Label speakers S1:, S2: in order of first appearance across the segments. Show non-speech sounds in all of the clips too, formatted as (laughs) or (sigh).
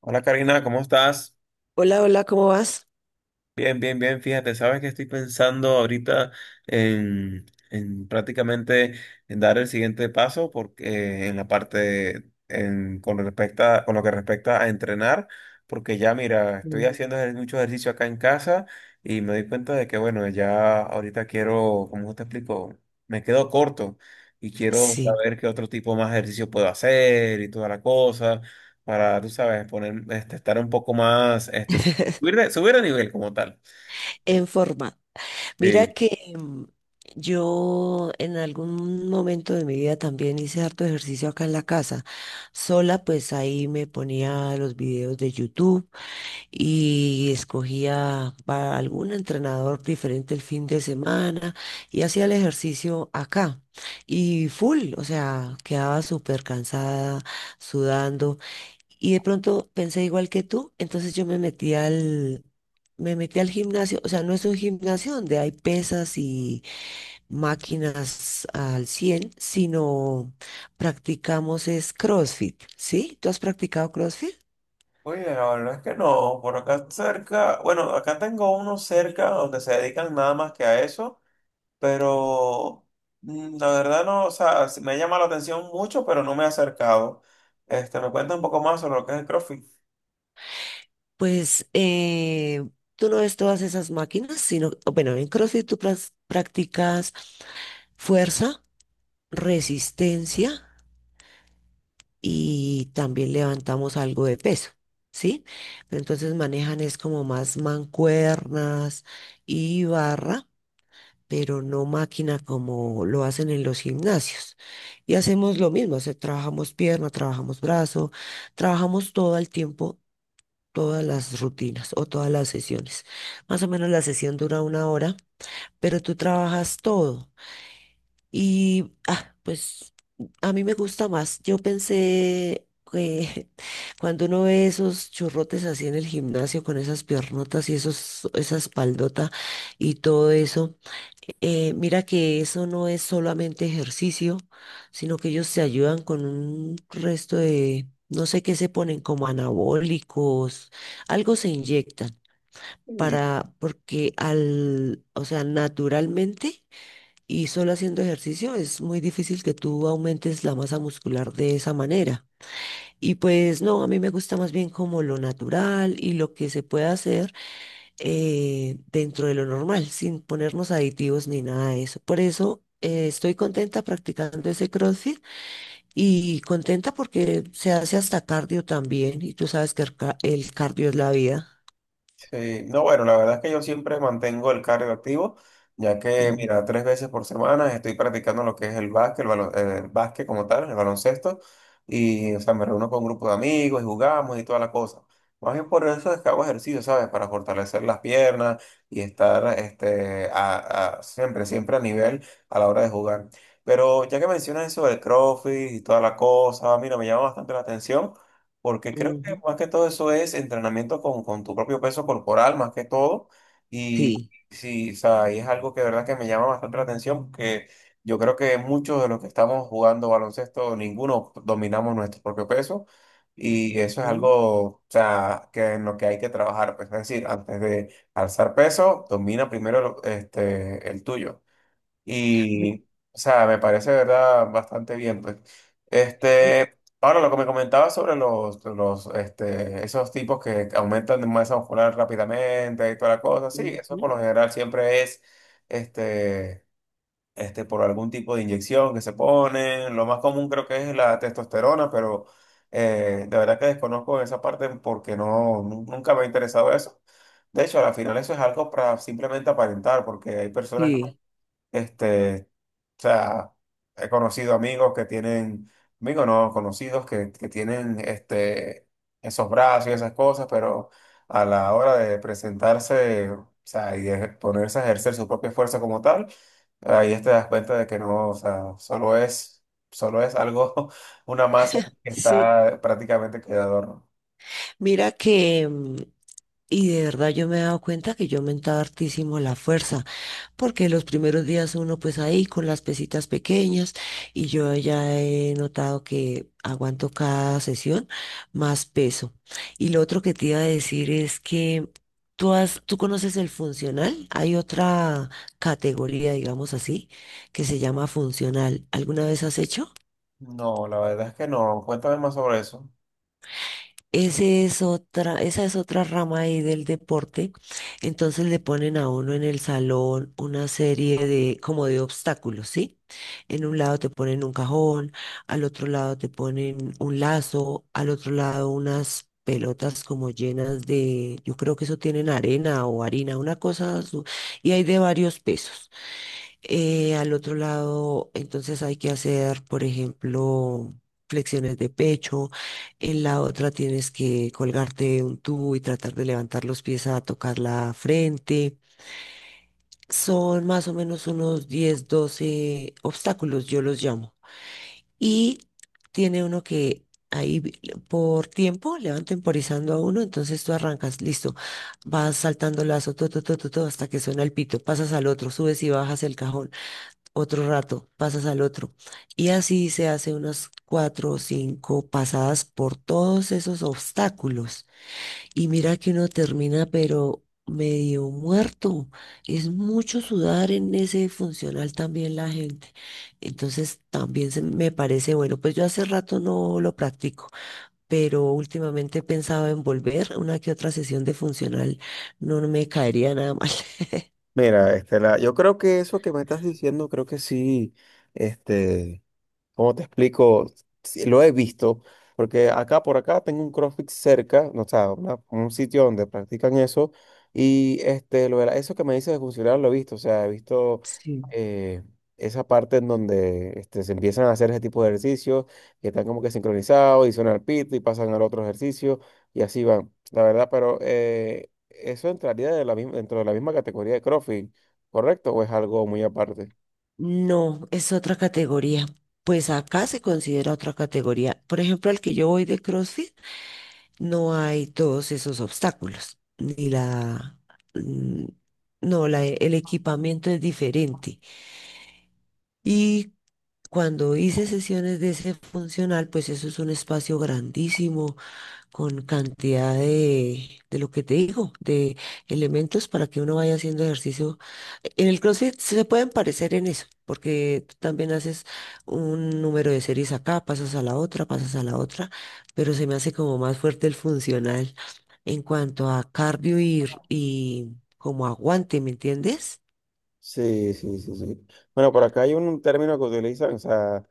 S1: Hola Karina, ¿cómo estás?
S2: Hola, hola, ¿cómo vas?
S1: Bien, bien, bien, fíjate, sabes que estoy pensando ahorita en prácticamente en dar el siguiente paso porque en la parte con con lo que respecta a entrenar, porque ya mira, estoy
S2: Sí.
S1: haciendo mucho ejercicio acá en casa y me doy cuenta de que bueno, ya ahorita quiero, como te explico? Me quedo corto y quiero
S2: Sí,
S1: saber qué otro tipo más de ejercicio puedo hacer y toda la cosa para, tú sabes, poner, estar un poco más subir de nivel como tal.
S2: en forma. Mira
S1: Sí.
S2: que yo en algún momento de mi vida también hice harto ejercicio acá en la casa. Sola, pues ahí me ponía los videos de YouTube y escogía para algún entrenador diferente el fin de semana y hacía el ejercicio acá. Y full, o sea, quedaba súper cansada, sudando. Y de pronto pensé igual que tú, entonces yo me metí al gimnasio, o sea, no es un gimnasio donde hay pesas y máquinas al 100, sino practicamos es CrossFit, ¿sí? ¿Tú has practicado CrossFit?
S1: Oye, la verdad es que no. Por acá cerca, bueno, acá tengo uno cerca donde se dedican nada más que a eso, pero la verdad no, o sea, sí me llama la atención mucho, pero no me he acercado. ¿Me cuenta un poco más sobre lo que es el CrossFit?
S2: Pues tú no ves todas esas máquinas, sino, bueno, en CrossFit tú practicas fuerza, resistencia y también levantamos algo de peso, ¿sí? Pero entonces manejan es como más mancuernas y barra, pero no máquina como lo hacen en los gimnasios. Y hacemos lo mismo, o sea, trabajamos pierna, trabajamos brazo, trabajamos todo el tiempo. Todas las rutinas o todas las sesiones. Más o menos la sesión dura 1 hora, pero tú trabajas todo. Y, ah, pues a mí me gusta más. Yo pensé que (laughs) cuando uno ve esos churrotes así en el gimnasio con esas piernotas y esa espaldota y todo eso, mira que eso no es solamente ejercicio, sino que ellos se ayudan con un resto de, no sé qué se ponen, como anabólicos, algo se inyectan para, porque al, o sea, naturalmente y solo haciendo ejercicio es muy difícil que tú aumentes la masa muscular de esa manera. Y pues no, a mí me gusta más bien como lo natural y lo que se puede hacer dentro de lo normal, sin ponernos aditivos ni nada de eso. Por eso estoy contenta practicando ese CrossFit y contenta porque se hace hasta cardio también. Y tú sabes que el, el cardio es la vida.
S1: Sí, no, bueno, la verdad es que yo siempre mantengo el cardio activo, ya que,
S2: Mm.
S1: mira, tres veces por semana estoy practicando lo que es el básquet, el básquet como tal, el baloncesto, y, o sea, me reúno con un grupo de amigos y jugamos y toda la cosa. Más bien por eso es que hago ejercicio, ¿sabes? Para fortalecer las piernas y estar, siempre, siempre a nivel a la hora de jugar. Pero ya que mencionas eso del CrossFit y toda la cosa, mira, me llama bastante la atención. Porque creo que
S2: Ujú.
S1: más que todo eso es entrenamiento con tu propio peso corporal, más que todo. Y
S2: Sí.
S1: sí, o sea, y es algo que de verdad que me llama bastante la atención, porque yo creo que muchos de los que estamos jugando baloncesto, ninguno dominamos nuestro propio peso. Y eso es algo,
S2: Ujú.
S1: o sea, que en lo que hay que trabajar. Pues, es decir, antes de alzar peso, domina primero el tuyo.
S2: Mi-
S1: Y, o sea, me parece, de verdad, bastante bien, pues.
S2: mi-
S1: Ahora lo que me comentaba sobre los esos tipos que aumentan de masa muscular rápidamente y toda la cosa, sí, eso por
S2: ujú.
S1: lo general siempre es, este, por algún tipo de inyección que se ponen. Lo más común creo que es la testosterona, pero de verdad que desconozco esa parte porque no, nunca me ha interesado eso. De hecho, al final eso es algo para simplemente aparentar, porque hay personas,
S2: Sí.
S1: este, o sea, he conocido amigos que tienen, amigos no, conocidos que tienen, esos brazos y esas cosas, pero a la hora de presentarse, o sea, y de ponerse a ejercer su propia fuerza como tal, ahí te das cuenta de que no, o sea, solo es algo, (laughs) una masa que
S2: Sí.
S1: está prácticamente que de adorno.
S2: Mira que, y de verdad yo me he dado cuenta que yo he aumentado hartísimo la fuerza, porque los primeros días uno pues ahí con las pesitas pequeñas y yo ya he notado que aguanto cada sesión más peso. Y lo otro que te iba a decir es que tú conoces el funcional, hay otra categoría, digamos así, que se llama funcional. ¿Alguna vez has hecho?
S1: No, la verdad es que no. Cuéntame más sobre eso.
S2: Esa es otra rama ahí del deporte. Entonces le ponen a uno en el salón una serie de, como de obstáculos, ¿sí? En un lado te ponen un cajón, al otro lado te ponen un lazo, al otro lado unas pelotas como llenas de, yo creo que eso tienen arena o harina, una cosa, y hay de varios pesos. Al otro lado, entonces hay que hacer, por ejemplo, flexiones de pecho. En la otra tienes que colgarte un tubo y tratar de levantar los pies a tocar la frente. Son más o menos unos 10 12 obstáculos, yo los llamo. Y tiene uno que ahí vi- por tiempo le van temporizando a uno, entonces tú arrancas, listo, vas saltando lazo, todo, todo, todo, hasta que suena el pito, pasas al otro, subes y bajas el cajón otro rato, pasas al otro. Y así se hace unas cuatro o cinco pasadas por todos esos obstáculos. Y mira que uno termina, pero medio muerto. Es mucho sudar en ese funcional también la gente. Entonces también se me parece bueno, pues yo hace rato no lo practico, pero últimamente he pensado en volver una que otra sesión de funcional. No, no me caería nada mal. (laughs)
S1: Mira, Estela, yo creo que eso que me estás diciendo, creo que sí. este, ¿Cómo te explico? Sí, lo he visto, porque acá por acá tengo un CrossFit cerca, no, o sea, un sitio donde practican eso, y lo de eso que me dices de funcionar lo he visto, o sea, he visto,
S2: Sí.
S1: eh, esa parte en donde se empiezan a hacer ese tipo de ejercicios, que están como que sincronizados, y suenan al pito y pasan al otro ejercicio, y así van, la verdad, pero eso entraría de la misma, dentro de la misma categoría de CrossFit, ¿correcto? ¿O es algo muy aparte?
S2: No, es otra categoría. Pues acá se considera otra categoría. Por ejemplo, al que yo voy de CrossFit, no hay todos esos obstáculos. Ni la... mm, No, la, el equipamiento es diferente. Y cuando hice sesiones de ese funcional, pues eso es un espacio grandísimo con cantidad de lo que te digo, de elementos para que uno vaya haciendo ejercicio. En el CrossFit se pueden parecer en eso, porque tú también haces un número de series acá, pasas a la otra, pasas a la otra, pero se me hace como más fuerte el funcional en cuanto a cardio y como aguante, ¿me entiendes?
S1: Sí, sí, sí, sí. Bueno, por acá hay un término que utilizan, o sea,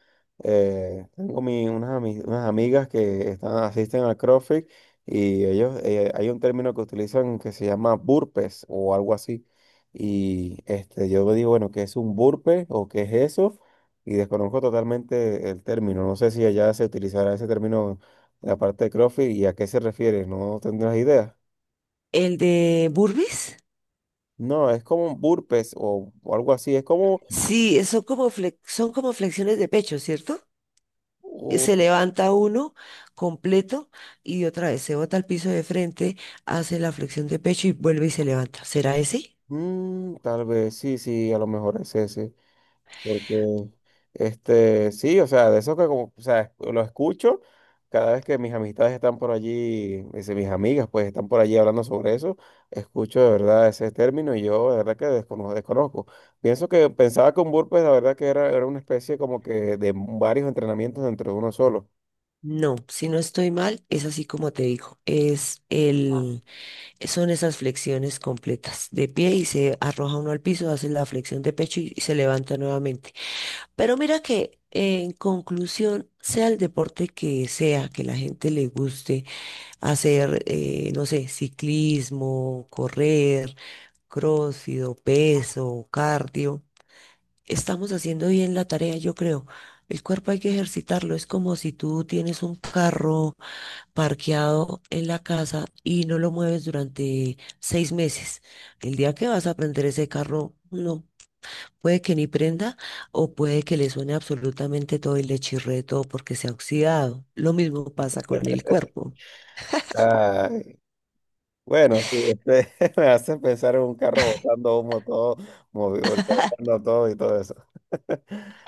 S1: tengo unas amigas que están, asisten al CrossFit y ellos, hay un término que utilizan que se llama burpees o algo así. Y yo me digo, bueno, ¿qué es un burpee o qué es eso? Y desconozco totalmente el término. No sé si allá se utilizará ese término en la parte de CrossFit y a qué se refiere, no tendrás idea.
S2: El de burpees,
S1: No, es como un burpees o algo así, es como.
S2: sí, son como son como flexiones de pecho, ¿cierto? Se levanta uno completo y otra vez se bota al piso de frente, hace la flexión de pecho y vuelve y se levanta. ¿Será ese?
S1: Mm, tal vez, sí, sí, a lo mejor es ese, porque, sí, o sea, de eso que como, o sea, lo escucho cada vez que mis amistades están por allí, dice, mis amigas, pues, están por allí hablando sobre eso, escucho de verdad ese término y yo de verdad que descono- desconozco. Pienso que pensaba que un burpee, la verdad que era una especie como que de varios entrenamientos dentro de uno solo.
S2: No, si no estoy mal, es así como te digo. Es el, son esas flexiones completas de pie y se arroja uno al piso, hace la flexión de pecho y se levanta nuevamente. Pero mira que en conclusión, sea el deporte que sea, que la gente le guste hacer, no sé, ciclismo, correr crócido, peso, cardio. Estamos haciendo bien la tarea, yo creo. El cuerpo hay que ejercitarlo. Es como si tú tienes un carro parqueado en la casa y no lo mueves durante 6 meses. El día que vas a prender ese carro, no. Puede que ni prenda o puede que le suene absolutamente todo y le chirree todo porque se ha oxidado. Lo mismo pasa con el cuerpo.
S1: Bueno, sí, (laughs) me hace pensar en un carro botando humo todo, movido, botando todo y todo eso. (laughs)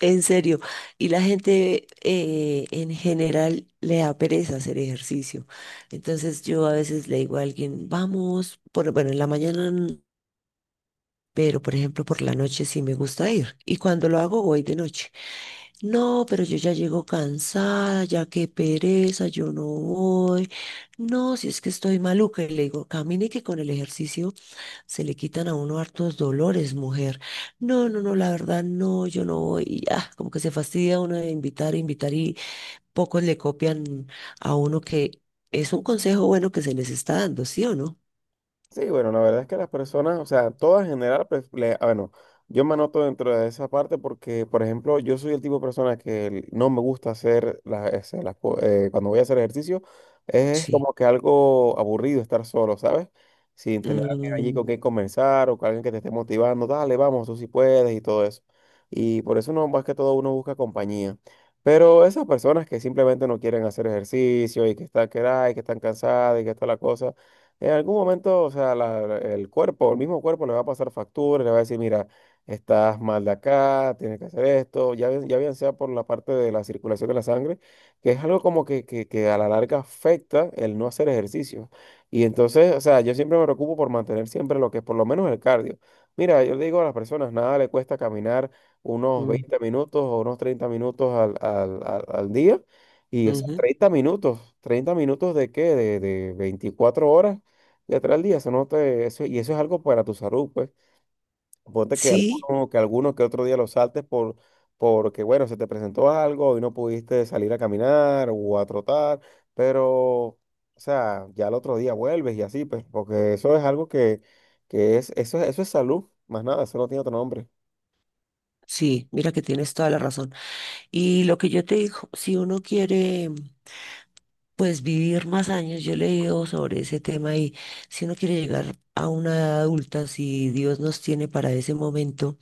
S2: En serio, y la gente en general le da pereza hacer ejercicio. Entonces yo a veces le digo a alguien, vamos, por, bueno, en la mañana, pero por ejemplo por la noche sí me gusta ir. Y cuando lo hago voy de noche. No, pero yo ya llego cansada, ya qué pereza, yo no voy. No, si es que estoy maluca. Y le digo, camine que con el ejercicio se le quitan a uno hartos dolores, mujer. No, no, no, la verdad, no, yo no voy. Y ya, como que se fastidia uno de invitar, invitar y pocos le copian a uno que es un consejo bueno que se les está dando, ¿sí o no?
S1: Sí, bueno, la verdad es que las personas, o sea, todas en general, pues, bueno, yo me anoto dentro de esa parte porque, por ejemplo, yo soy el tipo de persona no me gusta hacer cuando voy a hacer ejercicio, es
S2: Sí.
S1: como que algo aburrido estar solo, ¿sabes? Sin tener a alguien allí con
S2: Mm,
S1: quien conversar o con alguien que te esté motivando, dale, vamos, tú sí puedes y todo eso. Y por eso no, más que todo uno busca compañía. Pero esas personas que simplemente no quieren hacer ejercicio y que están, que están cansadas y que está la cosa. En algún momento, o sea, el cuerpo, el mismo cuerpo le va a pasar factura, le va a decir, mira, estás mal de acá, tienes que hacer esto, ya, ya bien sea por la parte de la circulación de la sangre, que es algo como que a la larga afecta el no hacer ejercicio. Y entonces, o sea, yo siempre me preocupo por mantener siempre lo que es por lo menos el cardio. Mira, yo le digo a las personas, nada le cuesta caminar unos
S2: mm,
S1: 20 minutos o unos 30 minutos al día. Y, o sea,
S2: ujú.
S1: 30 minutos, 30 minutos de qué, de 24 horas, ya trae al día, eso no te, eso, y eso es algo para tu salud, pues. Ponte que
S2: Sí,
S1: alguno, que alguno que otro día lo saltes porque, bueno, se te presentó algo y no pudiste salir a caminar o a trotar, pero, o sea, ya al otro día vuelves y así, pues, porque eso es algo que es, eso es salud, más nada, eso no tiene otro nombre.
S2: sí, mira que tienes toda la razón. Y lo que yo te digo, si uno quiere, pues vivir más años, yo he leído sobre ese tema y si uno quiere llegar a una edad adulta, si Dios nos tiene para ese momento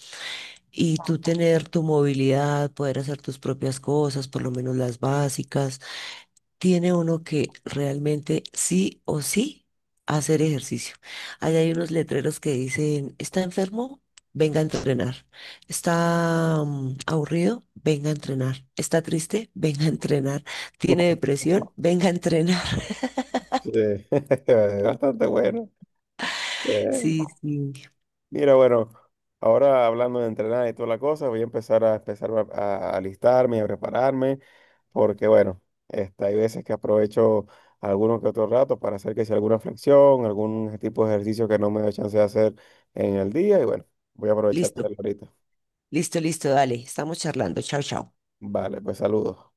S2: y tú tener tu movilidad, poder hacer tus propias cosas, por lo menos las básicas, tiene uno que realmente sí o sí hacer ejercicio. Allá hay unos letreros que dicen, ¿está enfermo? Venga a entrenar. ¿Está aburrido? Venga a entrenar. ¿Está triste? Venga a entrenar. ¿Tiene
S1: (laughs)
S2: depresión? Venga a entrenar. (laughs)
S1: Sí, (laughs) es bastante bueno.
S2: Sí, sí.
S1: Mira, bueno, ahora hablando de entrenar y toda la cosa, voy a empezar a alistarme, y a prepararme, porque bueno, hay veces que aprovecho algunos que otro rato para hacer que sea alguna flexión, algún tipo de ejercicio que no me da chance de hacer en el día, y bueno, voy a aprovechar de
S2: Listo,
S1: hacerlo ahorita.
S2: listo, listo, dale. Estamos charlando. Chao, chao.
S1: Vale, pues saludos.